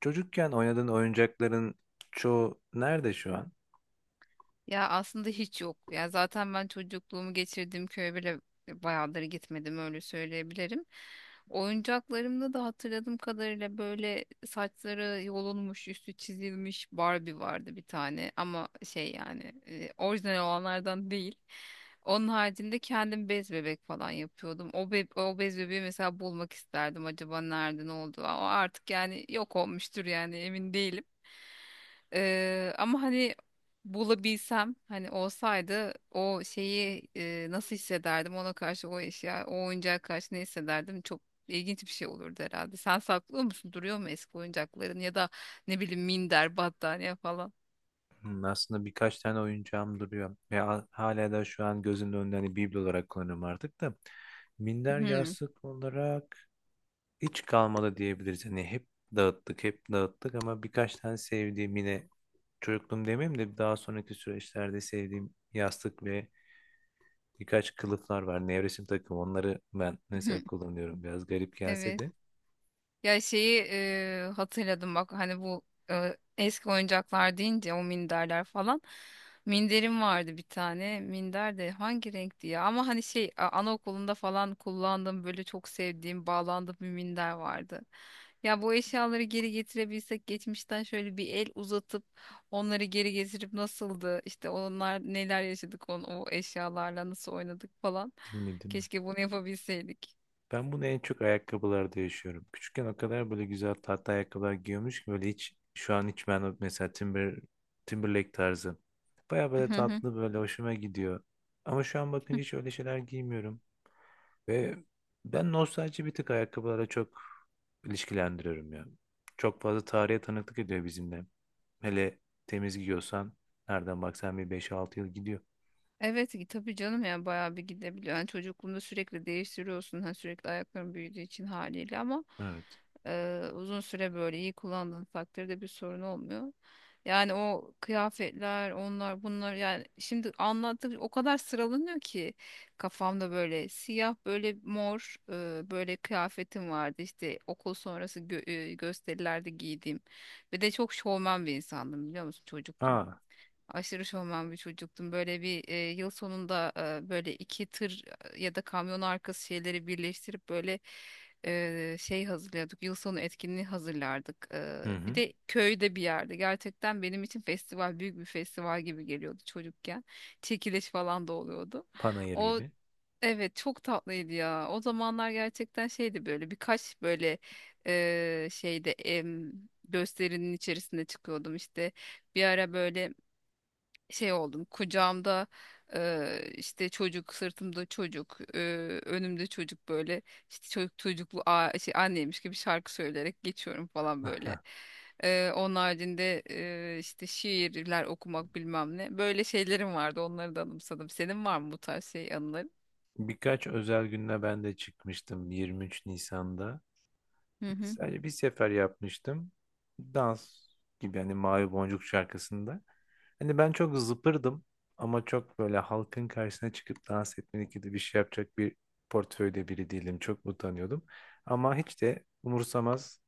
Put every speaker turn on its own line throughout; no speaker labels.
Çocukken oynadığın oyuncakların çoğu nerede şu an?
Ya aslında hiç yok. Ya zaten ben çocukluğumu geçirdiğim köye bile bayağıdır gitmedim öyle söyleyebilirim. Oyuncaklarımda da hatırladığım kadarıyla böyle saçları yolunmuş, üstü çizilmiş Barbie vardı bir tane ama şey yani orijinal olanlardan değil. Onun haricinde kendim bez bebek falan yapıyordum. O bez bebeği mesela bulmak isterdim. Acaba nerede ne oldu? O artık yani yok olmuştur yani emin değilim. Ama hani bulabilsem hani olsaydı o şeyi nasıl hissederdim ona karşı o oyuncağa karşı ne hissederdim, çok ilginç bir şey olurdu herhalde. Sen saklıyor musun? Duruyor mu eski oyuncakların ya da ne bileyim minder, battaniye falan?
Hmm, aslında birkaç tane oyuncağım duruyor. Ve hala da şu an gözümün önünde, hani biblo olarak kullanıyorum artık da. Minder,
Hmm.
yastık olarak hiç kalmadı diyebiliriz. Hani hep dağıttık, hep dağıttık, ama birkaç tane sevdiğim, yine çocukluğum demeyeyim de daha sonraki süreçlerde sevdiğim yastık ve birkaç kılıflar var. Nevresim takım, onları ben
Hmm.
mesela kullanıyorum. Biraz garip gelse
Evet.
de.
Ya şeyi hatırladım bak, hani bu eski oyuncaklar deyince o minderler falan. Minderim vardı bir tane. Minder de hangi renkti ya? Ama hani şey, anaokulunda falan kullandığım böyle çok sevdiğim, bağlandığım bir minder vardı. Ya bu eşyaları geri getirebilsek, geçmişten şöyle bir el uzatıp onları geri getirip nasıldı, İşte onlar, neler yaşadık o eşyalarla nasıl oynadık falan.
Değil mi, değil mi?
Keşke bunu yapabilseydik.
Ben bunu en çok ayakkabılarda yaşıyorum. Küçükken o kadar böyle güzel, tatlı ayakkabılar giyiyormuş ki, böyle hiç şu an hiç ben mesela Timber, Timberlake tarzı. Baya böyle tatlı, böyle hoşuma gidiyor. Ama şu an bakınca hiç öyle şeyler giymiyorum. Ve ben nostalji bir tık ayakkabılara çok ilişkilendiriyorum ya. Çok fazla tarihe tanıklık ediyor bizimle. Hele temiz giyiyorsan nereden baksan bir beş altı yıl gidiyor.
Evet ki tabii canım, yani bayağı bir gidebiliyor. Yani çocukluğunda sürekli değiştiriyorsun. Hani sürekli ayakların büyüdüğü için, haliyle. Ama
Evet.
uzun süre böyle iyi kullandığın takdirde bir sorun olmuyor. Yani o kıyafetler, onlar bunlar, yani şimdi anlattık, o kadar sıralanıyor ki kafamda, böyle siyah, böyle mor, böyle kıyafetim vardı, işte okul sonrası gösterilerde giydiğim. Ve de çok şovmen bir insandım, biliyor musun, çocuktum.
Aa,
Aşırı şovmen bir çocuktum. Böyle bir yıl sonunda böyle iki tır ya da kamyon arkası şeyleri birleştirip böyle şey hazırlıyorduk. Yıl sonu etkinliği hazırlardık. E,
hı
bir
hı.
de köyde bir yerde. Gerçekten benim için festival büyük bir festival gibi geliyordu çocukken. Çekiliş falan da oluyordu.
Panayır
O,
gibi.
evet, çok tatlıydı ya. O zamanlar gerçekten şeydi, böyle birkaç böyle şeyde, gösterinin içerisinde çıkıyordum işte. Bir ara böyle şey oldum, kucağımda işte çocuk, sırtımda çocuk, önümde çocuk, böyle işte çocuk çocuklu, şey, anneymiş gibi şarkı söyleyerek geçiyorum falan böyle. Onun haricinde işte şiirler okumak, bilmem ne, böyle şeylerim vardı, onları da anımsadım. Senin var mı bu tarz şey anıların?
Birkaç özel günle ben de çıkmıştım 23 Nisan'da.
Hı hı.
Sadece bir sefer yapmıştım. Dans gibi, hani Mavi Boncuk şarkısında. Hani ben çok zıpırdım, ama çok böyle halkın karşısına çıkıp dans etmelik gibi bir şey yapacak bir portföyde biri değilim. Çok utanıyordum. Ama hiç de umursamaz,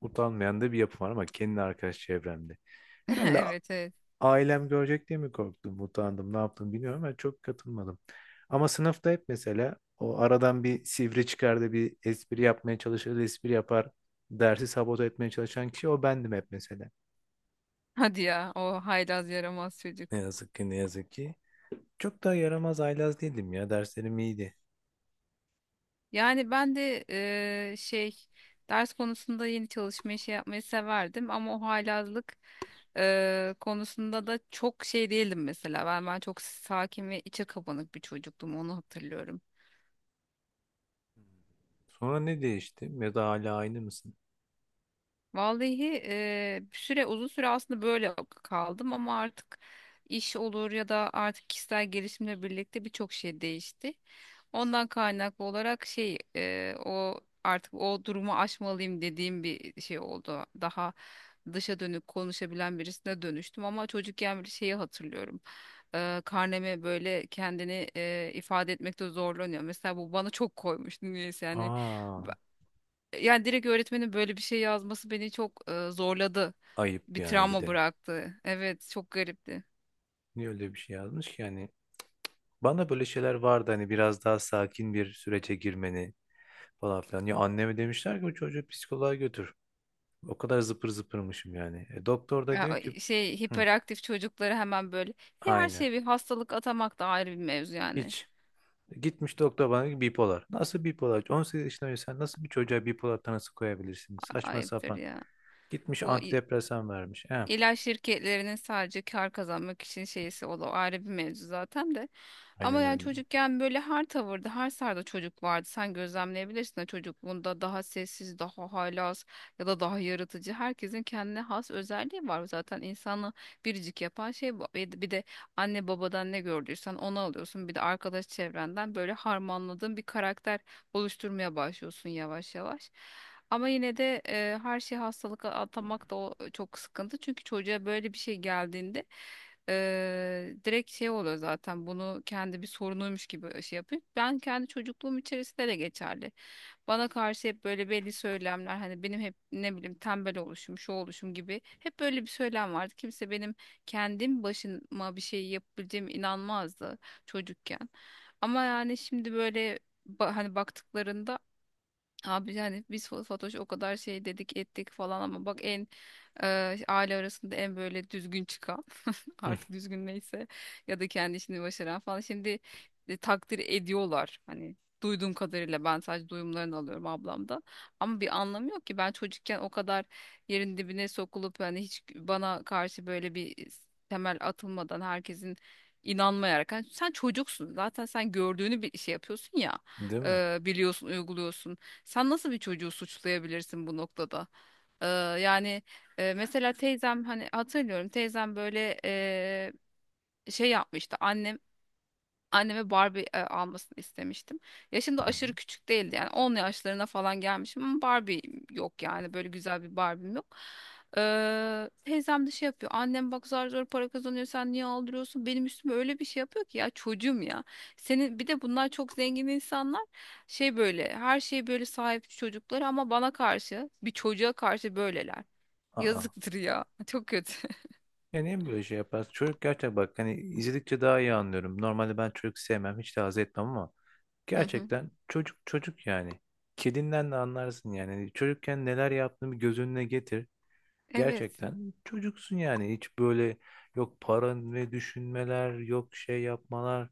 utanmayan da bir yapım var, ama kendi arkadaş çevremde. Herhalde
Evet, evet.
ailem görecek diye mi korktum, utandım, ne yaptım bilmiyorum, ama çok katılmadım. Ama sınıfta hep mesela o aradan bir sivri çıkar da bir espri yapmaya çalışır, espri yapar, dersi sabote etmeye çalışan kişi o bendim hep mesela.
Hadi ya, o haylaz yaramaz çocuk.
Ne yazık ki, ne yazık ki. Çok da yaramaz, haylaz değildim ya, derslerim iyiydi.
Yani ben de şey, ders konusunda yeni çalışmayı, şey yapmayı severdim, ama o haylazlık konusunda da çok şey değildim mesela. Ben çok sakin ve içe kapanık bir çocuktum, onu hatırlıyorum.
Sonra ne değişti, ya da hala aynı mısın?
Vallahi bir süre uzun süre aslında böyle kaldım, ama artık iş olur ya da artık kişisel gelişimle birlikte birçok şey değişti. Ondan kaynaklı olarak şey, o durumu aşmalıyım dediğim bir şey oldu. Daha dışa dönük konuşabilen birisine dönüştüm. Ama çocukken bir şeyi hatırlıyorum. Karneme böyle, kendini ifade etmekte zorlanıyor. Mesela bu bana çok koymuştu, niyeyse yani.
Aa,
Ba- Yani direkt öğretmenin böyle bir şey yazması beni çok zorladı.
ayıp
Bir
yani bir
travma
de.
bıraktı. Evet, çok garipti.
Niye öyle bir şey yazmış ki yani? Bana böyle şeyler vardı, hani biraz daha sakin bir sürece girmeni, falan filan. Ya anneme demişler ki bu çocuğu psikoloğa götür. O kadar zıpır zıpırmışım yani. E, doktor da diyor
Ya,
ki.
şey,
Hı,
hiperaktif çocukları hemen böyle... Her
aynen.
şeye bir hastalık atamak da ayrı bir mevzu yani.
Hiç. E, gitmiş doktor bana diyor ki bipolar. Nasıl bipolar? 18 yaşında önce sen nasıl bir çocuğa bipolar tanısı koyabilirsin? Saçma
Ayıptır
sapan.
ya.
Gitmiş
Bu
antidepresan vermiş. He,
İlaç şirketlerinin sadece kar kazanmak için şeysi, o da ayrı bir mevzu zaten de. Ama
aynen
yani
öyle.
çocukken böyle her tavırda, her sarda çocuk vardı. Sen gözlemleyebilirsin de, çocukluğunda daha sessiz, daha haylaz ya da daha yaratıcı. Herkesin kendine has özelliği var. Zaten insanı biricik yapan şey bu. Bir de anne babadan ne gördüysen onu alıyorsun. Bir de arkadaş çevrenden böyle harmanladığın bir karakter oluşturmaya başlıyorsun yavaş yavaş. Ama yine de her şeyi hastalığa atamak da o çok sıkıntı. Çünkü çocuğa böyle bir şey geldiğinde direkt şey oluyor zaten, bunu kendi bir sorunuymuş gibi şey yapıyor. Ben kendi çocukluğum içerisinde de geçerli. Bana karşı hep böyle belli söylemler, hani benim hep ne bileyim tembel oluşum, şu oluşum gibi hep böyle bir söylem vardı. Kimse benim kendim başıma bir şey yapabileceğime inanmazdı çocukken. Ama yani şimdi böyle, hani baktıklarında, abi yani biz Fatoş'a o kadar şey dedik ettik falan, ama bak en, aile arasında en böyle düzgün çıkan.
Hı,
Artık düzgün neyse, ya da kendi işini başaran falan, şimdi takdir ediyorlar hani, duyduğum kadarıyla, ben sadece duyumlarını alıyorum ablamda. Ama bir anlamı yok ki, ben çocukken o kadar yerin dibine sokulup, hani hiç bana karşı böyle bir temel atılmadan, herkesin inanmayarak, hani sen çocuksun zaten, sen gördüğünü bir şey yapıyorsun ya,
değil mi?
biliyorsun, uyguluyorsun. Sen nasıl bir çocuğu suçlayabilirsin bu noktada? Ee, yani mesela teyzem, hani hatırlıyorum teyzem böyle şey yapmıştı, anneme Barbie almasını istemiştim. Yaşım da
Hı hı.
aşırı küçük değildi, yani 10 yaşlarına falan gelmişim, ama Barbie yok yani, böyle güzel bir Barbie'm yok. Teyzem de şey yapıyor, annem bak zar zor para kazanıyor, sen niye aldırıyorsun, benim üstüme öyle bir şey yapıyor ki, ya çocuğum ya. Senin bir de bunlar çok zengin insanlar, şey, böyle her şeye böyle sahip çocuklar, ama bana karşı, bir çocuğa karşı böyleler.
Aa,
Yazıktır ya. Çok kötü.
yani niye böyle şey yapar? Çocuk gerçekten, bak hani izledikçe daha iyi anlıyorum. Normalde ben çocuk sevmem, hiç de haz etmem, ama
Hı hı.
gerçekten çocuk çocuk yani. Kedinden de anlarsın yani. Hani, çocukken neler yaptığını bir göz önüne getir.
Evet.
Gerçekten çocuksun yani. Hiç böyle yok para ve düşünmeler, yok şey yapmalar,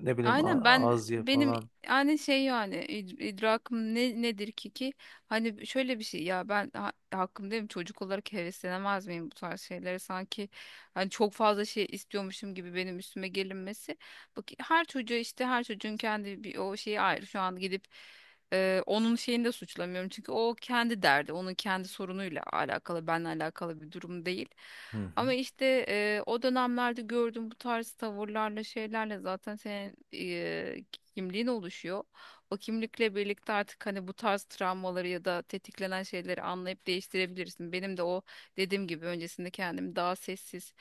ne bileyim
Aynen. ben
az ye
benim
falan.
yani şey, yani idrakım nedir ki hani, şöyle bir şey ya, ben hakkım değil, çocuk olarak heveslenemez miyim bu tarz şeylere, sanki hani çok fazla şey istiyormuşum gibi benim üstüme gelinmesi. Bak, her çocuğa, işte her çocuğun kendi, bir o şeyi ayrı, şu an gidip... Onun şeyini de suçlamıyorum, çünkü o kendi derdi, onun kendi sorunuyla alakalı, benle alakalı bir durum değil.
Hı hı.
Ama işte o dönemlerde gördüğüm bu tarz tavırlarla, şeylerle zaten senin kimliğin oluşuyor. O kimlikle birlikte artık hani bu tarz travmaları ya da tetiklenen şeyleri anlayıp değiştirebilirsin. Benim de o dediğim gibi, öncesinde kendimi daha sessiz,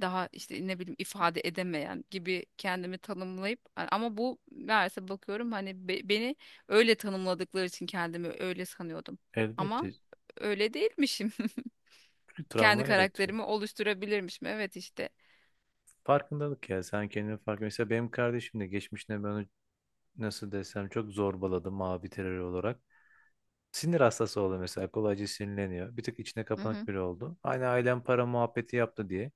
daha işte ne bileyim ifade edemeyen gibi kendimi tanımlayıp, ama bu meğerse, bakıyorum hani, beni öyle tanımladıkları için kendimi öyle sanıyordum.
Elbette,
Ama öyle değilmişim.
çünkü
Kendi
travma yaratıyor.
karakterimi oluşturabilirmişim. Evet, işte.
Farkındalık ya, sen kendini fark. Mesela benim kardeşim de geçmişine ben nasıl desem çok zorbaladım, mavi terör olarak. Sinir hastası oldu mesela, kolayca sinirleniyor. Bir tık içine kapanık biri oldu. Aynı ailem para muhabbeti yaptı diye.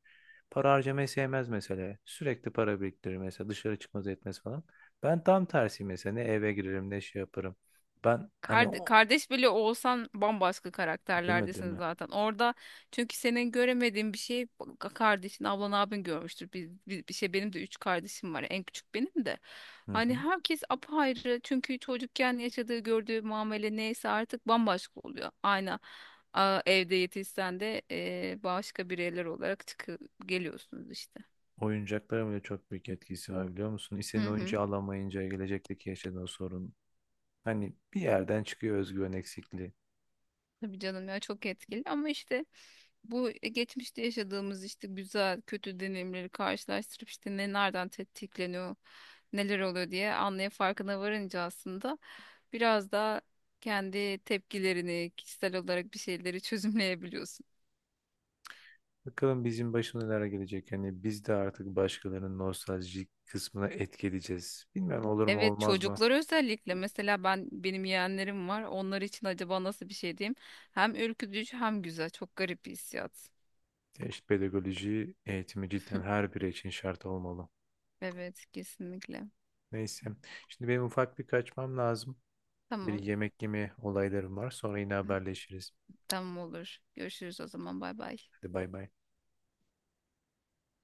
Para harcamayı sevmez mesela. Sürekli para biriktirir mesela, dışarı çıkmaz, etmez falan. Ben tam tersi mesela, ne eve girerim ne şey yaparım. Ben hani o,
Kardeş bile olsan bambaşka
değil mi, değil
karakterlerdesiniz
mi?
zaten. Orada, çünkü senin göremediğin bir şey kardeşin, ablan, abin görmüştür. Biz bir, bir şey, benim de üç kardeşim var. En küçük benim de.
Hı
Hani
hı.
herkes apayrı. Çünkü çocukken yaşadığı, gördüğü muamele neyse, artık bambaşka oluyor. Aynı evde yetişsen de başka bireyler olarak çıkıp geliyorsunuz işte.
Oyuncaklara bile çok büyük etkisi var biliyor musun?
Hı
İstediğin
hı.
oyuncağı alamayınca gelecekteki yaşadığın sorun. Hani bir yerden çıkıyor özgüven eksikliği.
Tabii canım ya, çok etkili. Ama işte bu, geçmişte yaşadığımız işte güzel kötü deneyimleri karşılaştırıp, işte nereden tetikleniyor, neler oluyor diye anlaya, farkına varınca, aslında biraz daha kendi tepkilerini, kişisel olarak bir şeyleri çözümleyebiliyorsun.
Bakalım bizim başımıza neler gelecek. Yani biz de artık başkalarının nostaljik kısmına etki edeceğiz. Bilmem olur mu
Evet,
olmaz mı?
çocuklar özellikle, mesela benim yeğenlerim var, onlar için acaba nasıl bir şey diyeyim, hem ürkütücü hem güzel, çok garip bir hissiyat.
Ya işte pedagoji eğitimi cidden her biri için şart olmalı.
Evet, kesinlikle.
Neyse. Şimdi benim ufak bir kaçmam lazım. Bir
Tamam.
yemek yeme olaylarım var. Sonra yine haberleşiriz.
Tamam, olur, görüşürüz o zaman. Bay bay.
Hadi bay bay.